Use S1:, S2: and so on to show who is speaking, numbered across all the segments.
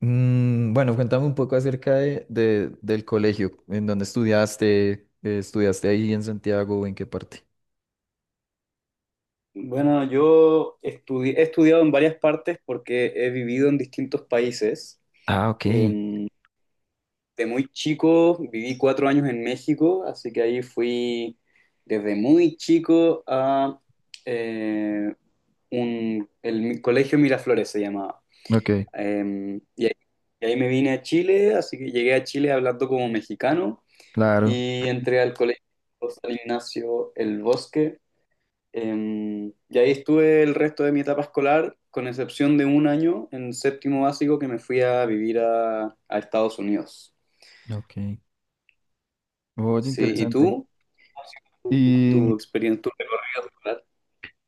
S1: Bueno, cuéntame un poco acerca del colegio, en dónde estudiaste ahí en Santiago, o en qué parte.
S2: Bueno, he estudiado en varias partes porque he vivido en distintos países.
S1: Ah, ok.
S2: Em, de muy chico viví 4 años en México, así que ahí fui desde muy chico a eh, Colegio Miraflores se llamaba.
S1: Ok,
S2: Y ahí me vine a Chile, así que llegué a Chile hablando como mexicano
S1: claro.
S2: y entré al Colegio San Ignacio El Bosque. Y ahí estuve el resto de mi etapa escolar, con excepción de un año en séptimo básico que me fui a vivir a Estados Unidos.
S1: Ok. Oye,
S2: Sí, ¿y
S1: interesante.
S2: tú? ¿Tu, tu
S1: ¿Y,
S2: experiencia, tu recorrido escolar?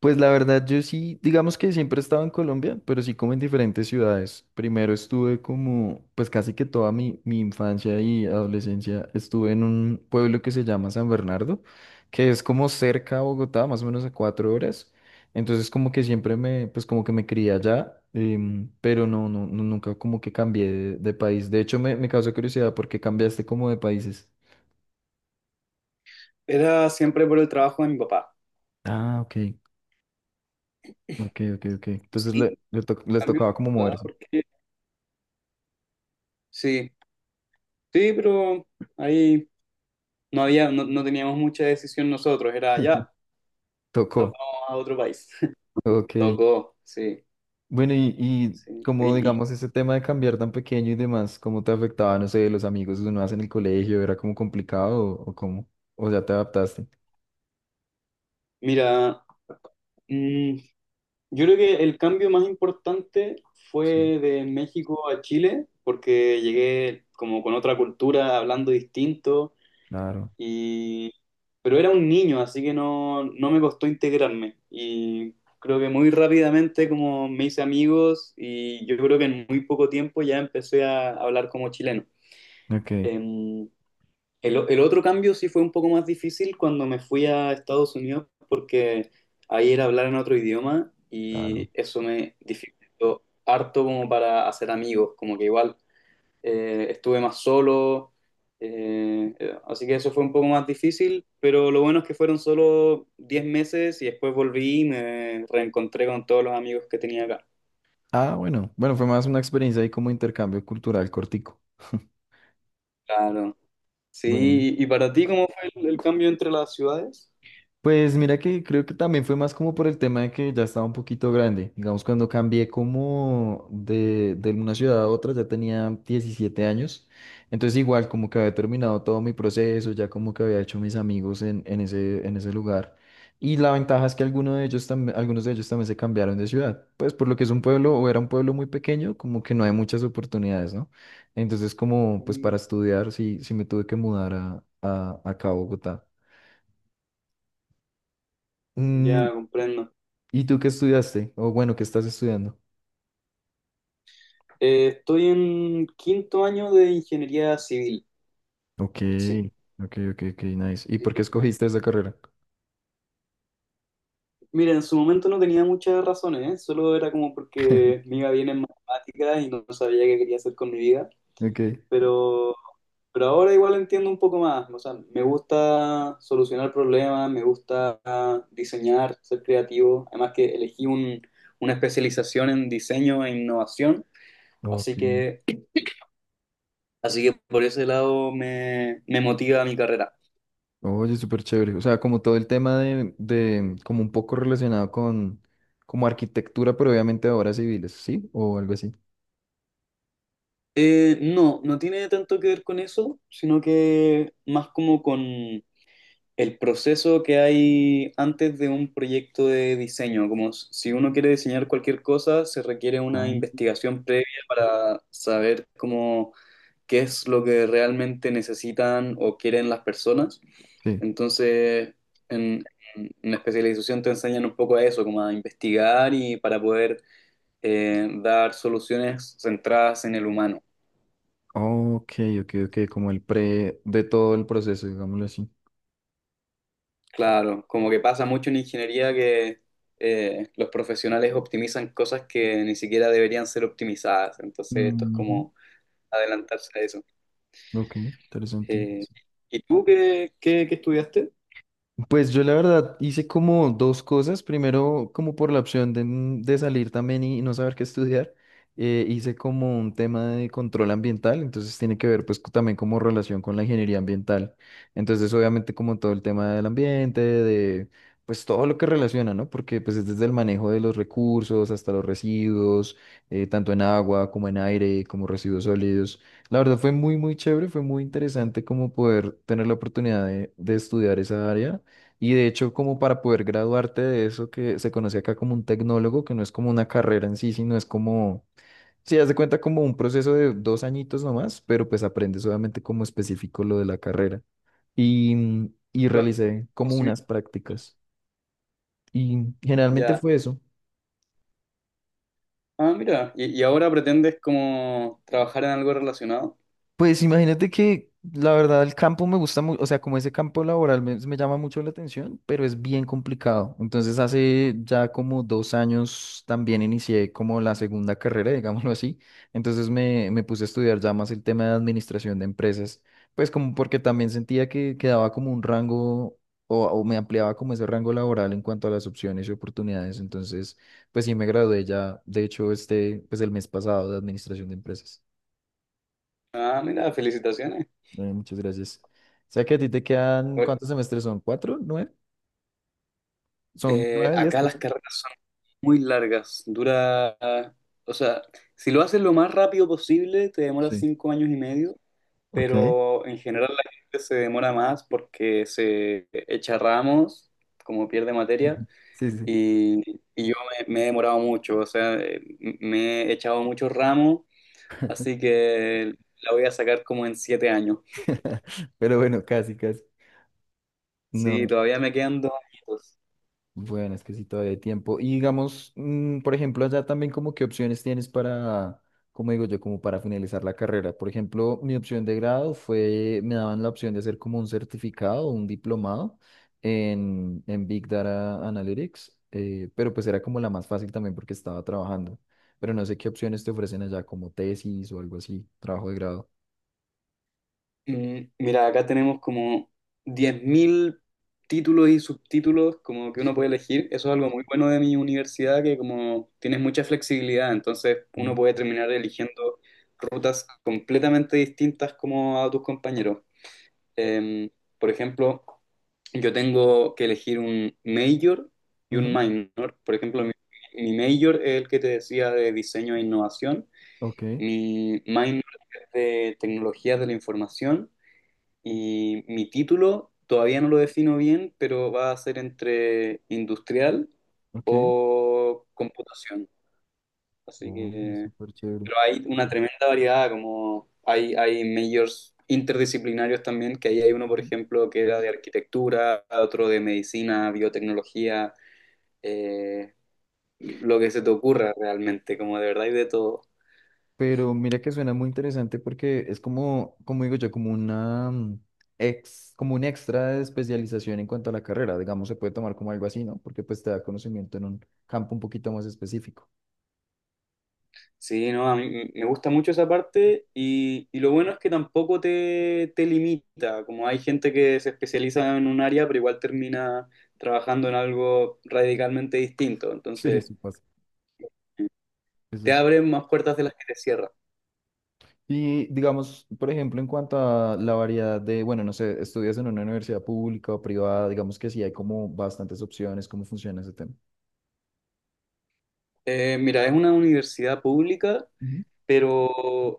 S1: pues la verdad, yo sí, digamos que siempre he estado en Colombia, pero sí como en diferentes ciudades. Primero estuve como, pues casi que toda mi infancia y adolescencia estuve en un pueblo que se llama San Bernardo, que es como cerca a Bogotá, más o menos a 4 horas. Entonces como que siempre me, pues como que me crié allá, pero no, no, no, nunca como que cambié de país. De hecho, me causó curiosidad porque cambiaste como de países.
S2: Era siempre por el trabajo de mi papá.
S1: Ah, ok, ok, ok, ok. Entonces
S2: Sí,
S1: les
S2: cambio de
S1: tocaba como
S2: ciudad,
S1: moverse.
S2: porque sí, sí, pero ahí no había, no teníamos mucha decisión nosotros, era ya, nos
S1: Tocó.
S2: vamos a otro país.
S1: Ok.
S2: Tocó, sí,
S1: Bueno, y
S2: sí.
S1: como
S2: Y
S1: digamos ese tema de cambiar tan pequeño y demás, ¿cómo te afectaba, no sé, los amigos que uno hace en el colegio? ¿Era como complicado o cómo? ¿O ya te adaptaste?
S2: mira, mm, yo creo que el cambio más importante
S1: Sí,
S2: fue de México a Chile, porque llegué como con otra cultura, hablando distinto,
S1: claro.
S2: y pero era un niño, así que no me costó integrarme. Y creo que muy rápidamente como me hice amigos y yo creo que en muy poco tiempo ya empecé a hablar como chileno.
S1: Ok,
S2: Em, el otro cambio sí fue un poco más difícil cuando me fui a Estados Unidos porque ahí era hablar en otro idioma
S1: claro.
S2: y eso me dificultó harto como para hacer amigos, como que igual estuve más solo, así que eso fue un poco más difícil, pero lo bueno es que fueron solo 10 meses y después volví y me reencontré con todos los amigos que tenía acá.
S1: Ah, bueno. Bueno, fue más una experiencia ahí como intercambio cultural cortico.
S2: Claro.
S1: Bueno,
S2: Sí, ¿y para ti cómo fue el, cambio entre las ciudades?
S1: pues mira que creo que también fue más como por el tema de que ya estaba un poquito grande. Digamos, cuando cambié como de una ciudad a otra, ya tenía 17 años. Entonces igual como que había terminado todo mi proceso, ya como que había hecho mis amigos en ese lugar. Y la ventaja es que algunos de ellos también, algunos de ellos también se cambiaron de ciudad. Pues por lo que es un pueblo o era un pueblo muy pequeño, como que no hay muchas oportunidades, ¿no? Entonces como pues
S2: Mm.
S1: para estudiar sí, sí me tuve que mudar acá a Bogotá. Mm,
S2: Ya comprendo.
S1: ¿Y tú qué estudiaste? O bueno, ¿qué estás estudiando?
S2: Estoy en quinto año de ingeniería civil.
S1: Ok,
S2: Sí.
S1: ok, ok, ok, nice. ¿Y
S2: Sí.
S1: por qué escogiste esa carrera?
S2: Mira, en su momento no tenía muchas razones, ¿eh? Solo era como porque me iba bien en matemáticas y no sabía qué quería hacer con mi vida.
S1: Ok.
S2: Pero, pero ahora igual entiendo un poco más. O sea, me gusta solucionar problemas, me gusta diseñar, ser creativo. Además que una especialización en diseño e innovación. Así
S1: Ok.
S2: que, por ese lado me, me motiva mi carrera.
S1: Oye, súper chévere. O sea, como todo el tema como un poco relacionado con, como arquitectura, pero obviamente de obras civiles, ¿sí? O algo así.
S2: No, no tiene tanto que ver con eso, sino que más como con el proceso que hay antes de un proyecto de diseño. Como si uno quiere diseñar cualquier cosa, se requiere una
S1: Ah.
S2: investigación previa para saber cómo, qué es lo que realmente necesitan o quieren las personas.
S1: Sí.
S2: Entonces, en, la especialización te enseñan un poco a eso, como a investigar y para poder dar soluciones centradas en el humano.
S1: Ok, ok, ok, como el pre de todo el proceso, digámoslo así.
S2: Claro, como que pasa mucho en ingeniería que los profesionales optimizan cosas que ni siquiera deberían ser optimizadas, entonces esto es
S1: Ujú.
S2: como adelantarse a eso.
S1: Ok, interesante.
S2: Eh, ¿Y tú qué, qué estudiaste?
S1: Pues yo la verdad hice como dos cosas. Primero, como por la opción de salir también y no saber qué estudiar, hice como un tema de control ambiental, entonces tiene que ver pues también como relación con la ingeniería ambiental. Entonces obviamente como todo el tema del ambiente, de pues todo lo que relaciona, ¿no? Porque pues es desde el manejo de los recursos hasta los residuos, tanto en agua como en aire, como residuos sólidos. La verdad fue muy, muy chévere, fue muy interesante como poder tener la oportunidad de estudiar esa área. Y de hecho, como para poder graduarte de eso que se conoce acá como un tecnólogo, que no es como una carrera en sí, sino es como, sí, haz de cuenta como un proceso de 2 añitos nomás, pero pues aprendes obviamente como específico lo de la carrera. Y, y
S2: Claro,
S1: realicé como
S2: conocimiento.
S1: unas prácticas. Y generalmente
S2: Ya.
S1: fue eso.
S2: Ah, mira, y ahora pretendes como trabajar en algo relacionado.
S1: Pues imagínate que la verdad el campo me gusta mucho, o sea, como ese campo laboral me llama mucho la atención, pero es bien complicado. Entonces hace ya como 2 años también inicié como la segunda carrera, digámoslo así. Entonces me puse a estudiar ya más el tema de administración de empresas, pues como porque también sentía que quedaba como un rango o me ampliaba como ese rango laboral en cuanto a las opciones y oportunidades. Entonces, pues sí me gradué ya, de hecho, este, pues el mes pasado de administración de empresas.
S2: Ah, mira, felicitaciones.
S1: Bueno, muchas gracias. O sea que a ti te quedan,
S2: Oye,
S1: ¿cuántos semestres son? ¿Cuatro? ¿Nueve? Son nueve, 10,
S2: acá las
S1: perdón.
S2: carreras muy largas. Dura, o sea, si lo haces lo más rápido posible, te demora
S1: Sí.
S2: 5 años y medio,
S1: Ok.
S2: pero en general la gente se demora más porque se echa ramos, como pierde materia,
S1: Sí, sí.
S2: y, yo me, he demorado mucho, o sea, me he echado muchos ramos, así que la voy a sacar como en 7 años.
S1: Pero bueno, casi, casi.
S2: Sí,
S1: No.
S2: todavía me quedan 2 añitos.
S1: Bueno, es que sí, todavía hay tiempo. Y digamos, por ejemplo, allá también como qué opciones tienes para, como digo yo, como para finalizar la carrera. Por ejemplo, mi opción de grado fue, me daban la opción de hacer como un certificado, un diplomado en Big Data Analytics, pero pues era como la más fácil también porque estaba trabajando. Pero no sé qué opciones te ofrecen allá, como tesis o algo así, trabajo de grado.
S2: Mira, acá tenemos como 10.000 títulos y subtítulos como que uno
S1: Sí.
S2: puede elegir. Eso es algo muy bueno de mi universidad, que como tienes mucha flexibilidad, entonces uno
S1: Mm,
S2: puede terminar eligiendo rutas completamente distintas como a tus compañeros. Em, por ejemplo, yo tengo que elegir un major y un
S1: ujú,
S2: minor. Por ejemplo, mi, major es el que te decía de diseño e innovación,
S1: ok,
S2: mi minor es de tecnologías de la información y mi título todavía no lo defino bien, pero va a ser entre industrial
S1: ok.
S2: o computación. Así
S1: Oh,
S2: que,
S1: súper chévere.
S2: pero hay una tremenda variedad, como hay, majors interdisciplinarios también, que ahí hay uno, por ejemplo, que era de arquitectura, otro de medicina, biotecnología, eh, lo que se te ocurra realmente, como de verdad y de todo.
S1: Pero mira que suena muy interesante porque es como, como digo yo, como una como un extra de especialización en cuanto a la carrera, digamos, se puede tomar como algo así, ¿no? Porque pues te da conocimiento en un campo un poquito más específico.
S2: Sí, no, a mí me gusta mucho esa parte y, lo bueno es que tampoco te, limita, como hay gente que se especializa en un área, pero igual termina trabajando en algo radicalmente distinto,
S1: Sí,
S2: entonces
S1: eso pasa. Eso
S2: te
S1: sí.
S2: abren más puertas de las que te cierran.
S1: Y digamos, por ejemplo, en cuanto a la variedad de, bueno, no sé, estudias en una universidad pública o privada, digamos que sí hay como bastantes opciones, cómo funciona ese tema.
S2: Mira, es una universidad pública,
S1: Ujú.
S2: pero,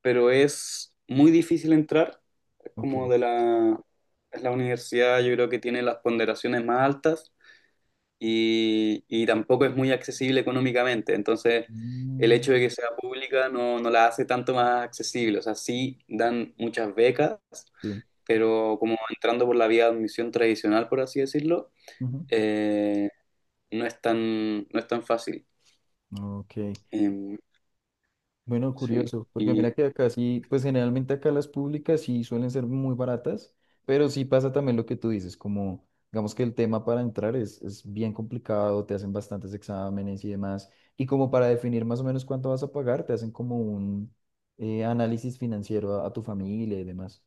S2: es muy difícil entrar, es
S1: Ok.
S2: como de la, es la universidad yo creo que tiene las ponderaciones más altas y, tampoco es muy accesible económicamente. Entonces, el
S1: Mm,
S2: hecho de que sea pública no la hace tanto más accesible. O sea, sí dan muchas becas,
S1: sí.
S2: pero como entrando por la vía de admisión tradicional, por así decirlo,
S1: Ujú.
S2: eh, no es tan, no es tan fácil.
S1: Ok.
S2: Em,
S1: Bueno,
S2: sí.
S1: curioso, porque
S2: Y,
S1: mira que acá sí, pues generalmente acá las públicas sí suelen ser muy baratas, pero sí pasa también lo que tú dices, como digamos que el tema para entrar es bien complicado, te hacen bastantes exámenes y demás, y como para definir más o menos cuánto vas a pagar, te hacen como un análisis financiero a tu familia y demás.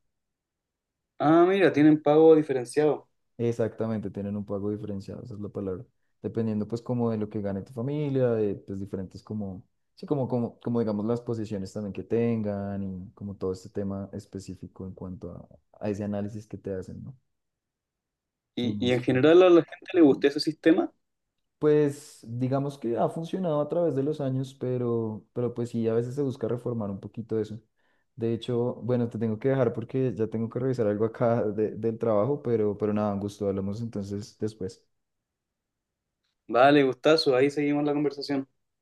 S2: ah, mira, tienen pago diferenciado.
S1: Exactamente, tienen un pago diferenciado, esa es la palabra. Dependiendo pues como de lo que gane tu familia, de pues diferentes como, sí, como digamos las posiciones también que tengan y como todo este tema específico en cuanto a ese análisis que te hacen, ¿no?
S2: Y en
S1: Financiero.
S2: general a la gente le gustó ese sistema.
S1: Pues digamos que ha funcionado a través de los años, pero, pues sí, a veces se busca reformar un poquito eso. De hecho, bueno, te tengo que dejar porque ya tengo que revisar algo acá del trabajo, pero nada, un gusto, hablamos entonces después.
S2: Vale, gustazo, ahí seguimos la conversación.